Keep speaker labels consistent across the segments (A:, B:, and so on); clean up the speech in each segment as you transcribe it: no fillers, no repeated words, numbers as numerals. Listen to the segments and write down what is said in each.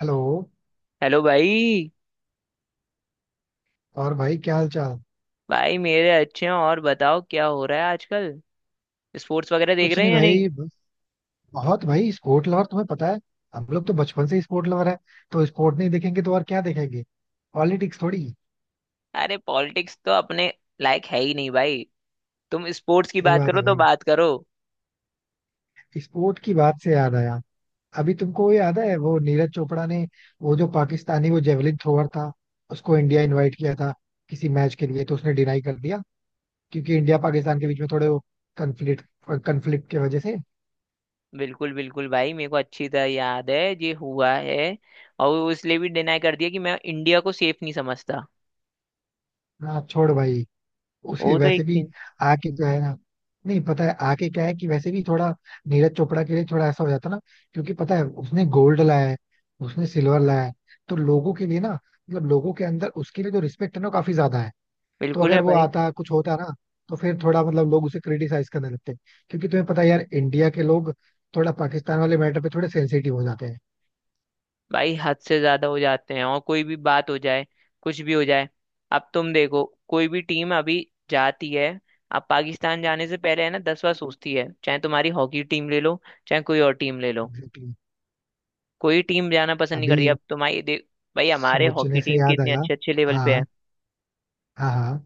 A: Hello.
B: Hello भाई।
A: और भाई, क्या हाल चाल?
B: भाई मेरे अच्छे हैं और बताओ क्या हो रहा है आजकल। स्पोर्ट्स वगैरह देख
A: कुछ
B: रहे
A: नहीं
B: हैं या नहीं।
A: भाई, बस बहुत भाई स्पोर्ट लवर, तुम्हें पता है. हम लोग तो बचपन से ही स्पोर्ट लवर है. तो स्पोर्ट नहीं देखेंगे तो और क्या देखेंगे? पॉलिटिक्स थोड़ी.
B: अरे पॉलिटिक्स तो अपने लायक है ही नहीं भाई। तुम स्पोर्ट्स की
A: सही
B: बात
A: बात
B: करो
A: है
B: तो
A: भाई.
B: बात करो।
A: स्पोर्ट की बात से याद आया, अभी तुमको वो याद है वो नीरज चोपड़ा ने वो जो पाकिस्तानी वो जेवलिन थ्रोअर था, उसको इंडिया इनवाइट किया था किसी मैच के लिए, तो उसने डिनाई कर दिया. क्योंकि इंडिया पाकिस्तान के बीच में थोड़े वो कन्फ्लिक्ट कन्फ्लिक्ट की वजह से.
B: बिल्कुल बिल्कुल भाई, मेरे को अच्छी तरह याद है ये हुआ है। और वो इसलिए भी डिनाई कर दिया कि मैं इंडिया को सेफ नहीं समझता।
A: हाँ छोड़ भाई, उसे
B: वो तो
A: वैसे
B: एक
A: भी
B: सीन।
A: आके जो है ना, नहीं पता है आके क्या है कि वैसे भी थोड़ा नीरज चोपड़ा के लिए थोड़ा ऐसा हो जाता ना, क्योंकि पता है उसने गोल्ड लाया है, उसने सिल्वर लाया है. तो लोगों के लिए ना, मतलब लोगों के अंदर उसके लिए जो रिस्पेक्ट है ना, वो काफी ज्यादा है. तो
B: बिल्कुल है
A: अगर वो
B: भाई।
A: आता कुछ होता ना, तो फिर थोड़ा मतलब लोग उसे क्रिटिसाइज करने लगते हैं. क्योंकि तुम्हें पता है यार, इंडिया के लोग थोड़ा पाकिस्तान वाले मैटर पे थोड़े सेंसिटिव हो जाते हैं.
B: भाई हद से ज्यादा हो जाते हैं और कोई भी बात हो जाए। कुछ भी हो जाए। अब तुम देखो। कोई भी टीम अभी जाती है। अब पाकिस्तान जाने से पहले है ना दस बार सोचती है, चाहे तुम्हारी हॉकी टीम ले लो। चाहे कोई और टीम ले लो।
A: Exactly exactly.
B: कोई टीम जाना पसंद नहीं करती।
A: अभी
B: अब तुम्हारी देख। भाई हमारे हॉकी
A: सोचने से
B: टीम
A: याद
B: कितने
A: आया.
B: अच्छे अच्छे लेवल पे है।
A: हाँ हाँ. हाँ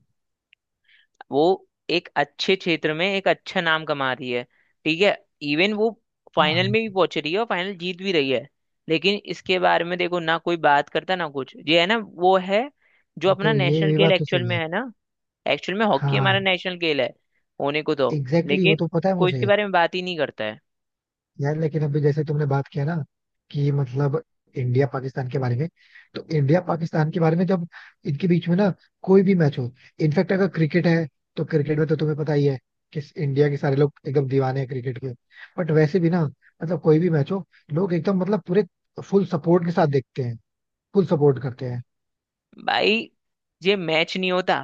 B: वो एक अच्छे क्षेत्र में एक अच्छा नाम कमा रही है। ठीक है। इवन वो फाइनल
A: हाँ.
B: में भी पहुंच रही है और फाइनल जीत भी रही है। लेकिन इसके बारे में देखो ना कोई बात करता ना कुछ, ये है ना वो है। जो
A: ये
B: अपना
A: तो, ये
B: नेशनल
A: भी
B: खेल
A: बात तो
B: एक्चुअल
A: सही
B: में
A: है.
B: है ना। एक्चुअल में हॉकी हमारा
A: हाँ.
B: नेशनल खेल है होने को तो।
A: एग्जैक्टली exactly,
B: लेकिन
A: वो तो पता है
B: कोई इसके
A: मुझे.
B: बारे में बात ही नहीं करता है।
A: यार लेकिन अभी जैसे तुमने बात किया ना कि मतलब इंडिया पाकिस्तान के बारे में. तो इंडिया पाकिस्तान के बारे में जब इनके बीच में ना कोई भी मैच हो, इनफैक्ट अगर क्रिकेट है, तो क्रिकेट में तो तुम्हें पता ही है कि इंडिया के सारे लोग एकदम दीवाने हैं क्रिकेट के. बट वैसे भी ना, मतलब कोई भी मैच हो, लोग एकदम मतलब पूरे फुल सपोर्ट के साथ देखते हैं, फुल सपोर्ट करते हैं.
B: भाई ये मैच नहीं होता।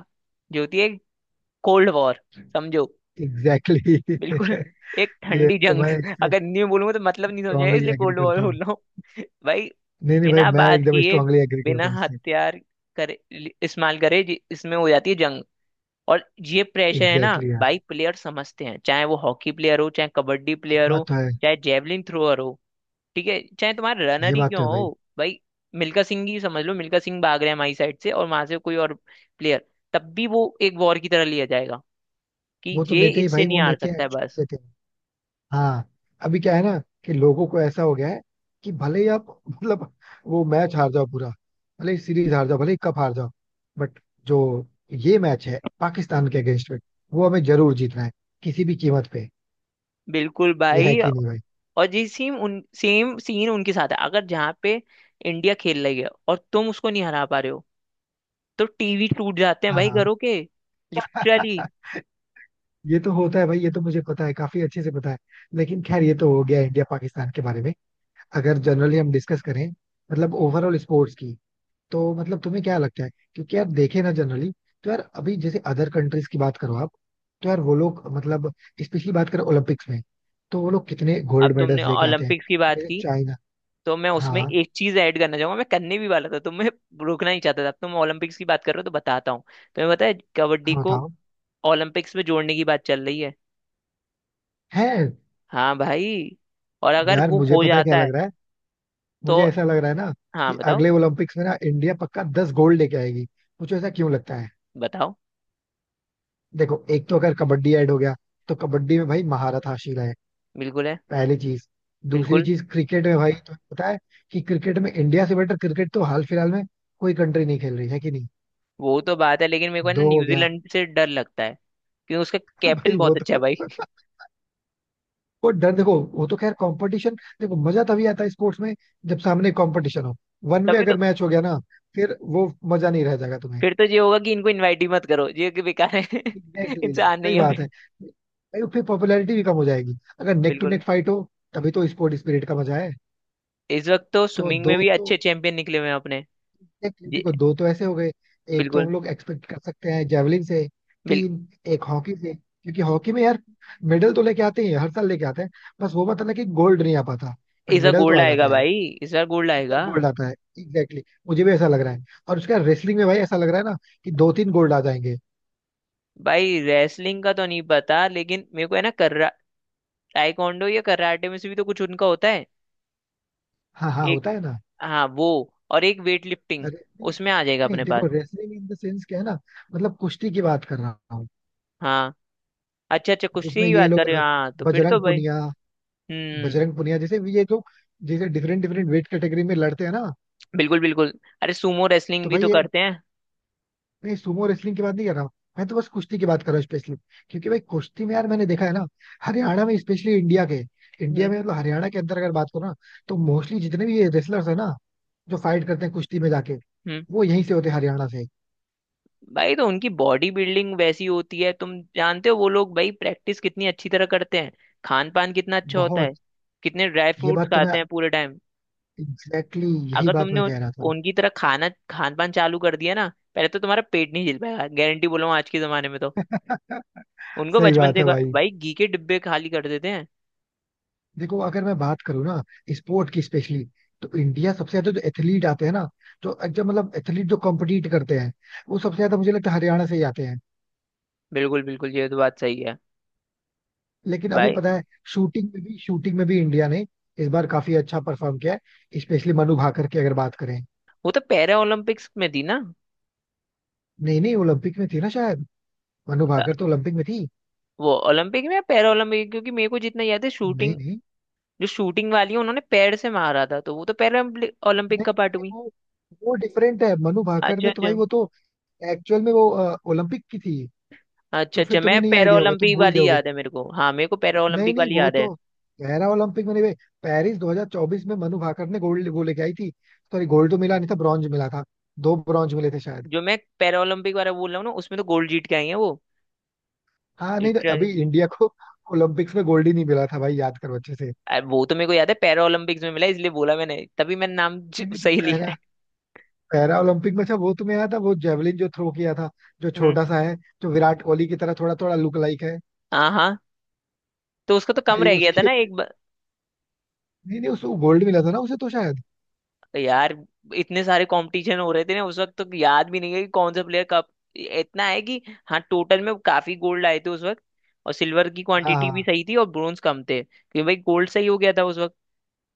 B: जो होती है कोल्ड वॉर, समझो।
A: एग्जैक्टली
B: बिल्कुल
A: exactly.
B: एक
A: ये
B: ठंडी
A: तो
B: जंग।
A: मैं इससे
B: अगर न्यू बोलूंगा तो मतलब नहीं समझ आएगा
A: स्ट्रांगली
B: इसलिए
A: एग्री
B: कोल्ड वॉर
A: करता
B: बोल
A: हूँ.
B: रहा हूँ। भाई।
A: नहीं नहीं भाई,
B: बिना
A: मैं
B: बात
A: एकदम
B: किए,
A: स्ट्रांगली एग्री करता
B: बिना
A: हूँ इससे.
B: हथियार करे इस्तेमाल करे इसमें हो जाती है जंग। और ये प्रेशर है ना।
A: एग्जैक्टली exactly,
B: भाई प्लेयर समझते हैं, चाहे वो हॉकी प्लेयर हो, चाहे कबड्डी प्लेयर
A: बात
B: हो,
A: तो है.
B: चाहे जेवलिन थ्रोअर हो, ठीक है, चाहे तुम्हारा
A: ये
B: रनर ही
A: बात तो
B: क्यों
A: है भाई.
B: हो भाई। मिल्खा सिंह ही समझ लो, मिल्खा सिंह भाग रहे हैं हमारी साइड से और वहां से कोई और प्लेयर, तब भी वो एक वॉर की तरह लिया जाएगा। कि
A: वो तो
B: ये
A: लेते ही
B: इससे
A: भाई,
B: नहीं
A: वो
B: हार
A: लेते हैं
B: सकता है बस।
A: एक्चुअली लेते हैं. हाँ. अभी क्या है ना कि लोगों को ऐसा हो गया है कि भले ही आप मतलब वो मैच हार जाओ पूरा, भले ही सीरीज हार जाओ, भले ही कप हार जाओ, बट जो ये मैच है पाकिस्तान के अगेंस्ट में, वो हमें जरूर जीतना है, किसी भी कीमत पे.
B: बिल्कुल
A: ये है
B: भाई।
A: कि नहीं भाई?
B: और जी सेम उन सेम सीन उनके साथ है, अगर जहाँ पे इंडिया खेल रही है और तुम उसको नहीं हरा पा रहे हो, तो टीवी टूट जाते हैं
A: हाँ
B: भाई
A: हाँ.
B: घरों के। लिटरली।
A: ये तो होता है भाई, ये तो मुझे पता है, काफी अच्छे से पता है. लेकिन खैर, ये तो हो गया इंडिया पाकिस्तान के बारे में. अगर जनरली हम डिस्कस करें, मतलब ओवरऑल स्पोर्ट्स की, तो मतलब तुम्हें क्या लगता है? क्योंकि यार, देखे ना जनरली, तो यार अभी जैसे अदर कंट्रीज की बात करो आप, तो यार वो लोग मतलब स्पेशली बात करें ओलंपिक्स में, तो वो लोग कितने
B: अब
A: गोल्ड
B: तुमने
A: मेडल्स लेके आते हैं.
B: ओलंपिक्स की बात
A: जैसे
B: की
A: चाइना.
B: तो मैं उसमें
A: हाँ.
B: एक चीज ऐड करना चाहूंगा, मैं करने भी वाला था तो मैं रोकना ही चाहता था। अब तुम ओलंपिक्स की बात कर रहे हो तो बताता हूँ। तुम्हें पता है कबड्डी
A: हाँ
B: को
A: बताओ.
B: ओलंपिक्स में जोड़ने की बात चल रही है।
A: है.
B: हाँ भाई। और अगर
A: यार
B: वो
A: मुझे
B: हो
A: पता है क्या
B: जाता है
A: लग रहा है. मुझे
B: तो।
A: ऐसा लग रहा है ना
B: हाँ
A: कि
B: बताओ।
A: अगले ओलंपिक्स में ना इंडिया पक्का 10 गोल्ड लेके आएगी. मुझे ऐसा क्यों लगता है?
B: बताओ।
A: देखो, एक तो अगर कबड्डी ऐड हो गया, तो कबड्डी में भाई महारत हासिल है.
B: बिल्कुल है।
A: पहली चीज. दूसरी
B: बिल्कुल।
A: चीज, क्रिकेट में भाई तुम्हें पता है कि क्रिकेट में इंडिया से बेटर क्रिकेट तो हाल फिलहाल में कोई कंट्री नहीं खेल रही है, कि नहीं?
B: वो तो बात है लेकिन मेरे को है ना,
A: दो हो गया.
B: न्यूजीलैंड से डर लगता है। क्योंकि उसका कैप्टन
A: भाई वो
B: बहुत अच्छा है
A: तो
B: भाई।
A: वो डर देखो, वो तो खैर कंपटीशन. देखो मजा तभी आता है स्पोर्ट्स में जब सामने कंपटीशन हो. वन वे
B: तभी तो।
A: अगर मैच हो गया ना, फिर वो मजा नहीं रह जाएगा तुम्हें.
B: फिर तो ये होगा कि इनको इनवाइट ही मत करो, ये कि बेकार है
A: एग्जैक्टली.
B: इंसान
A: सही
B: नहीं है
A: बात है
B: फिर।
A: भाई. फिर पॉपुलैरिटी भी कम हो जाएगी अगर नेक टू
B: बिल्कुल।
A: नेक फाइट हो. तभी तो स्पोर्ट स्पिरिट का मजा है.
B: इस वक्त तो
A: तो
B: स्विमिंग
A: दो
B: में भी
A: तो,
B: अच्छे चैंपियन निकले हुए हैं अपने।
A: एग्जैक्टली
B: जी,
A: देखो दो तो ऐसे हो गए. एक तो हम
B: बिल्कुल।
A: लोग एक्सपेक्ट कर सकते हैं जेवलिन से.
B: बिल,
A: तीन. एक हॉकी से, क्योंकि हॉकी में यार मेडल तो लेके आते ही हैं, हर साल लेके आते हैं. बस वो मतलब है कि गोल्ड नहीं आ पाता, बट
B: इस बार
A: मेडल तो
B: गोल्ड
A: आ जाता
B: आएगा
A: है यार.
B: भाई। इस बार गोल्ड
A: इस बार
B: आएगा।
A: गोल्ड आता है. Exactly exactly. मुझे भी ऐसा लग रहा है. और उसका रेसलिंग में भाई ऐसा लग रहा है ना कि दो तीन गोल्ड आ जाएंगे.
B: भाई रेसलिंग का तो नहीं पता लेकिन मेरे को है ना कर्रा टाइकोंडो या कराटे में से भी तो कुछ उनका होता है।
A: हाँ हाँ,
B: एक।
A: होता है ना.
B: हाँ वो। और एक वेट लिफ्टिंग
A: रेसलिंग.
B: उसमें आ जाएगा
A: नहीं
B: अपने पास।
A: देखो, रेसलिंग इन द सेंस क्या है ना, मतलब कुश्ती की बात कर रहा हूँ.
B: हाँ। अच्छा अच्छा
A: जिसमें
B: कुश्ती की
A: ये
B: बात कर
A: लोग
B: रहे हो, हाँ तो फिर तो
A: बजरंग
B: भाई।
A: पुनिया
B: हम्म।
A: बजरंग पुनिया जैसे भी, ये जो जैसे डिफरेंट डिफरेंट वेट कैटेगरी में लड़ते हैं ना.
B: बिल्कुल बिल्कुल। अरे सुमो रेसलिंग
A: तो
B: भी
A: भाई
B: तो
A: ये,
B: करते हैं।
A: नहीं सुमो रेसलिंग की बात नहीं कर रहा हूँ. मैं तो बस कुश्ती की बात कर रहा हूँ स्पेशली. क्योंकि भाई कुश्ती में यार मैंने देखा है ना, हरियाणा में स्पेशली. इंडिया के, इंडिया
B: हम्म।
A: में मतलब हरियाणा के अंदर अगर बात करो ना, तो मोस्टली जितने भी ये रेसलर्स है ना, जो फाइट करते हैं कुश्ती में जाके,
B: हम्म।
A: वो यहीं से होते हैं, हरियाणा से.
B: भाई तो उनकी बॉडी बिल्डिंग वैसी होती है, तुम जानते हो वो लोग भाई प्रैक्टिस कितनी अच्छी तरह करते हैं। खान पान कितना अच्छा होता
A: बहुत.
B: है। कितने ड्राई
A: ये
B: फ्रूट्स
A: बात तो
B: खाते
A: मैं,
B: हैं पूरे टाइम।
A: एग्जैक्टली exactly, यही
B: अगर
A: बात
B: तुमने
A: मैं कह रहा था.
B: उनकी तरह खाना खान पान चालू कर दिया ना, पहले तो तुम्हारा पेट नहीं झेल पाएगा, गारंटी बोला हूं आज के जमाने में तो। उनको
A: सही
B: बचपन
A: बात
B: से
A: है भाई.
B: भाई घी के डिब्बे खाली कर देते हैं।
A: देखो अगर मैं बात करूँ ना स्पोर्ट की स्पेशली, तो इंडिया सबसे ज्यादा जो एथलीट आते हैं ना, जो एकदम मतलब एथलीट जो कॉम्पिटिट करते हैं, वो सबसे ज्यादा मुझे लगता है हरियाणा से ही आते हैं.
B: बिल्कुल बिल्कुल ये तो बात सही है।
A: लेकिन अभी
B: भाई
A: पता है, शूटिंग में भी इंडिया ने इस बार काफी अच्छा परफॉर्म किया है, स्पेशली मनु भाकर की अगर बात करें.
B: वो तो पैरा ओलंपिक्स में थी ना।
A: नहीं नहीं, ओलंपिक में थी ना शायद. मनु भाकर तो ओलंपिक में थी.
B: वो ओलंपिक में या पैरालंपिक, क्योंकि मेरे को जितना याद है
A: नहीं
B: शूटिंग,
A: नहीं.
B: जो शूटिंग वाली है उन्होंने पैर से मारा था, तो वो तो पैरालंपिक
A: नहीं
B: ओलंपिक का
A: नहीं,
B: पार्ट
A: नहीं
B: हुई।
A: वो, वो डिफरेंट है. मनु भाकर
B: अच्छा
A: ने तो
B: अच्छा।
A: भाई, वो तो एक्चुअल में वो ओलंपिक की थी.
B: अच्छा
A: तो फिर
B: अच्छा मैं
A: तुम्हें नहीं आइडिया होगा, तुम
B: पैरालंपिक
A: भूल
B: वाली
A: गए.
B: याद है मेरे को, हाँ मेरे को
A: नहीं
B: पैरालंपिक
A: नहीं,
B: वाली
A: वो
B: याद है।
A: तो पैरा ओलंपिक में नहीं भाई. पेरिस 2024 में मनु भाकर ने गोल्ड वो लेके आई थी. सॉरी, गोल्ड तो मिला नहीं था, ब्रॉन्ज मिला था. दो ब्रॉन्ज मिले थे शायद.
B: जो मैं पैरालंपिक वाला बोल रहा हूँ ना, उसमें तो गोल्ड जीत के आई है वो।
A: हाँ. नहीं तो अभी
B: लिटरली।
A: इंडिया को ओलंपिक्स में गोल्ड ही नहीं मिला था भाई, याद करो अच्छे से.
B: अरे वो तो मेरे को याद है पैरालंपिक्स में मिला, इसलिए बोला मैंने, तभी मैंने नाम
A: नहीं नहीं तो,
B: सही लिया
A: पैरा
B: है।
A: पैरा ओलंपिक में, अच्छा वो तुम्हें याद था वो जेवलिन जो थ्रो किया था, जो
B: हम्म।
A: छोटा सा है, जो विराट कोहली की तरह थोड़ा थोड़ा लुक लाइक है.
B: हाँ हाँ तो उसका तो कम
A: भाई
B: रह गया था
A: उसके,
B: ना एक।
A: नहीं नहीं, उसको गोल्ड मिला था ना उसे, तो शायद
B: तो यार इतने सारे कंपटीशन हो रहे थे ना उस वक्त, तो याद भी नहीं है कि कौन सा प्लेयर कब। इतना है कि, हाँ टोटल में काफी गोल्ड आए थे उस वक्त। और सिल्वर की
A: हाँ
B: क्वांटिटी भी
A: हाँ.
B: सही थी और ब्रोंज कम थे क्योंकि भाई गोल्ड सही हो गया था उस वक्त।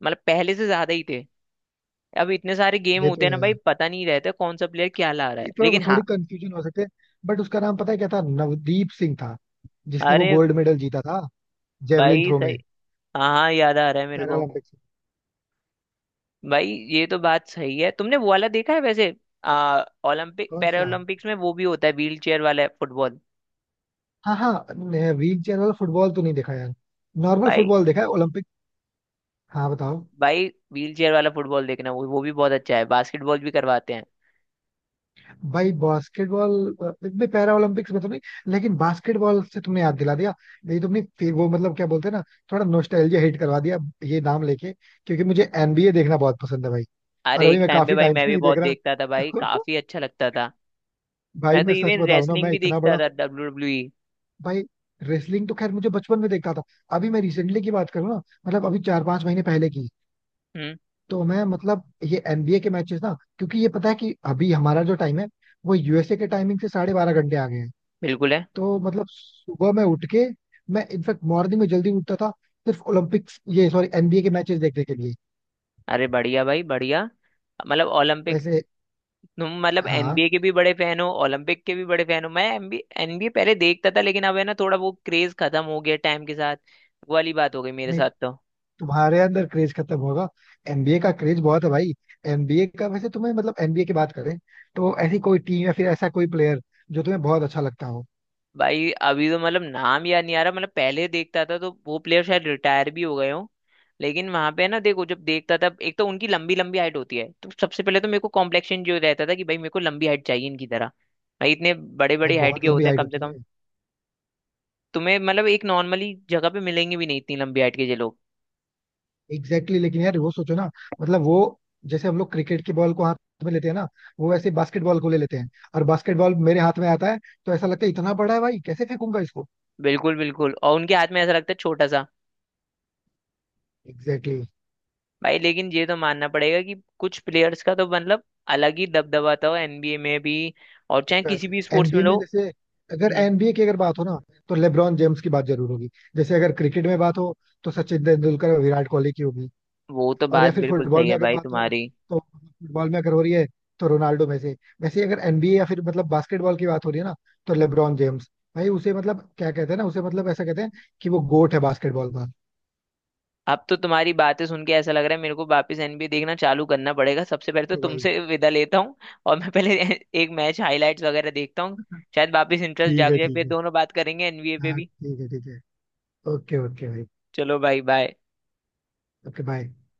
B: मतलब पहले से ज्यादा ही थे। अब इतने सारे गेम
A: ये
B: होते
A: तो
B: हैं ना
A: है.
B: भाई, पता नहीं रहता कौन सा प्लेयर क्या ला रहा है,
A: ये तो
B: लेकिन हाँ।
A: थोड़ी कंफ्यूजन हो सकते हैं, बट उसका नाम पता है क्या था? नवदीप सिंह था जिसने वो
B: अरे
A: गोल्ड मेडल जीता था, जेवलिन
B: भाई
A: थ्रो में.
B: सही। हाँ हाँ याद आ रहा है मेरे को।
A: पैरालंपिक्स.
B: भाई ये तो बात सही है, तुमने वो वाला देखा है वैसे। आ ओलंपिक
A: कौन
B: पैरा
A: सा?
B: ओलंपिक्स में वो भी होता है व्हील चेयर वाला फुटबॉल।
A: हाँ हाँ, व्हील चेयर वाला फुटबॉल तो नहीं देखा यार, नॉर्मल
B: भाई।
A: फुटबॉल देखा है ओलंपिक. हाँ बताओ.
B: भाई व्हील चेयर वाला फुटबॉल देखना, वो भी बहुत अच्छा है, बास्केटबॉल भी करवाते हैं।
A: भाई बास्केटबॉल इतने पैरा ओलंपिक्स में तो नहीं, लेकिन बास्केटबॉल से तुमने याद दिला दिया. नहीं, तुमने फिर वो मतलब क्या बोलते हैं ना, थोड़ा नोस्टैल्जिया हिट करवा दिया ये नाम लेके. क्योंकि मुझे एनबीए देखना बहुत पसंद है भाई. और
B: अरे
A: अभी
B: एक
A: मैं
B: टाइम पे
A: काफी
B: भाई
A: टाइम
B: मैं
A: से
B: भी
A: नहीं
B: बहुत
A: देख रहा.
B: देखता था, भाई काफी अच्छा लगता था।
A: भाई
B: मैं तो
A: मैं सच
B: इवन
A: बताऊं ना,
B: रेसलिंग
A: मैं
B: भी
A: इतना
B: देखता
A: बड़ा,
B: था WWE।
A: भाई रेसलिंग तो खैर मुझे बचपन में देखता था. अभी मैं रिसेंटली की बात करूँ ना, मतलब अभी चार पांच महीने पहले की,
B: हम्म।
A: तो मैं मतलब ये एनबीए के मैचेस ना, क्योंकि ये पता है कि अभी हमारा जो टाइम है, वो यूएसए के टाइमिंग से 12:30 घंटे आ गए हैं.
B: बिल्कुल है।
A: तो मतलब सुबह में उठ के, मैं इनफैक्ट मॉर्निंग में जल्दी उठता था, सिर्फ ओलंपिक्स ये सॉरी एनबीए के मैचेस देखने के लिए.
B: अरे बढ़िया भाई बढ़िया। मतलब ओलंपिक।
A: वैसे
B: तुम मतलब
A: हाँ.
B: एनबीए के भी बड़े फैन हो, ओलंपिक के भी बड़े फैन हो, मैं एनबीए एनबीए पहले देखता था लेकिन अब है ना थोड़ा वो क्रेज खत्म हो गया टाइम के साथ। वो वाली बात हो गई मेरे साथ तो।
A: तुम्हारे अंदर क्रेज खत्म होगा, एनबीए का क्रेज बहुत है भाई. एनबीए का, वैसे तुम्हें मतलब एनबीए की बात करें, तो ऐसी कोई टीम या फिर ऐसा कोई प्लेयर जो तुम्हें बहुत अच्छा लगता हो?
B: भाई अभी तो मतलब नाम याद नहीं आ रहा, मतलब पहले देखता था तो वो प्लेयर शायद रिटायर भी हो गए हो। लेकिन वहां पे ना देखो जब देखता था, एक तो उनकी लंबी लंबी हाइट होती है, तो सबसे पहले तो मेरे को कॉम्प्लेक्शन जो रहता था कि भाई मेरे को लंबी हाइट चाहिए इनकी तरह। भाई इतने बड़े
A: भाई
B: बड़े हाइट के
A: बहुत लंबी
B: होते हैं
A: हाइट
B: कम से
A: होती है.
B: कम। तुम्हें मतलब एक नॉर्मली जगह पे मिलेंगे भी नहीं इतनी लंबी हाइट के ये लोग।
A: एग्जैक्टली exactly, लेकिन यार वो सोचो ना, मतलब वो जैसे हम लोग क्रिकेट की बॉल को हाथ में लेते हैं ना, वो वैसे बास्केटबॉल को ले लेते हैं. और बास्केटबॉल मेरे हाथ में आता है, तो ऐसा लगता है इतना बड़ा है भाई, कैसे फेंकूंगा इसको.
B: बिल्कुल बिल्कुल और उनके हाथ में ऐसा लगता है छोटा सा।
A: एग्जैक्टली.
B: भाई लेकिन ये तो मानना पड़ेगा कि कुछ प्लेयर्स का तो मतलब अलग ही दबदबा था एनबीए में भी। और
A: सही
B: चाहे किसी भी
A: बात.
B: स्पोर्ट्स में
A: एनबीए
B: लो।
A: में जैसे, अगर
B: हम्म,
A: एनबीए की अगर बात हो ना, तो लेब्रॉन जेम्स की बात जरूर होगी. जैसे अगर क्रिकेट में बात हो, तो सचिन तेंदुलकर और विराट कोहली की होगी.
B: वो तो
A: और या
B: बात
A: फिर
B: बिल्कुल
A: फुटबॉल
B: सही
A: में
B: है
A: अगर
B: भाई
A: बात हो,
B: तुम्हारी।
A: तो फुटबॉल में अगर हो रही है, तो रोनाल्डो में से. वैसे ही अगर एनबीए या फिर मतलब बास्केटबॉल की बात हो रही है ना, तो लेब्रॉन जेम्स. भाई उसे मतलब क्या कहते हैं ना, उसे मतलब ऐसा कहते हैं कि वो गोट है बास्केटबॉल का.
B: अब तो तुम्हारी बातें सुन के ऐसा लग रहा है मेरे को वापस एनबीए देखना चालू करना पड़ेगा, सबसे पहले तो
A: तो भाई
B: तुमसे विदा लेता हूँ। और मैं पहले एक मैच हाईलाइट्स वगैरह देखता हूँ। शायद वापस इंटरेस्ट
A: ठीक
B: जाग
A: है
B: जाए,
A: ठीक
B: फिर
A: है.
B: दोनों बात करेंगे एनबीए पे
A: हाँ
B: भी।
A: ठीक है ठीक है. ओके ओके भाई.
B: चलो भाई बाय।
A: Okay bye.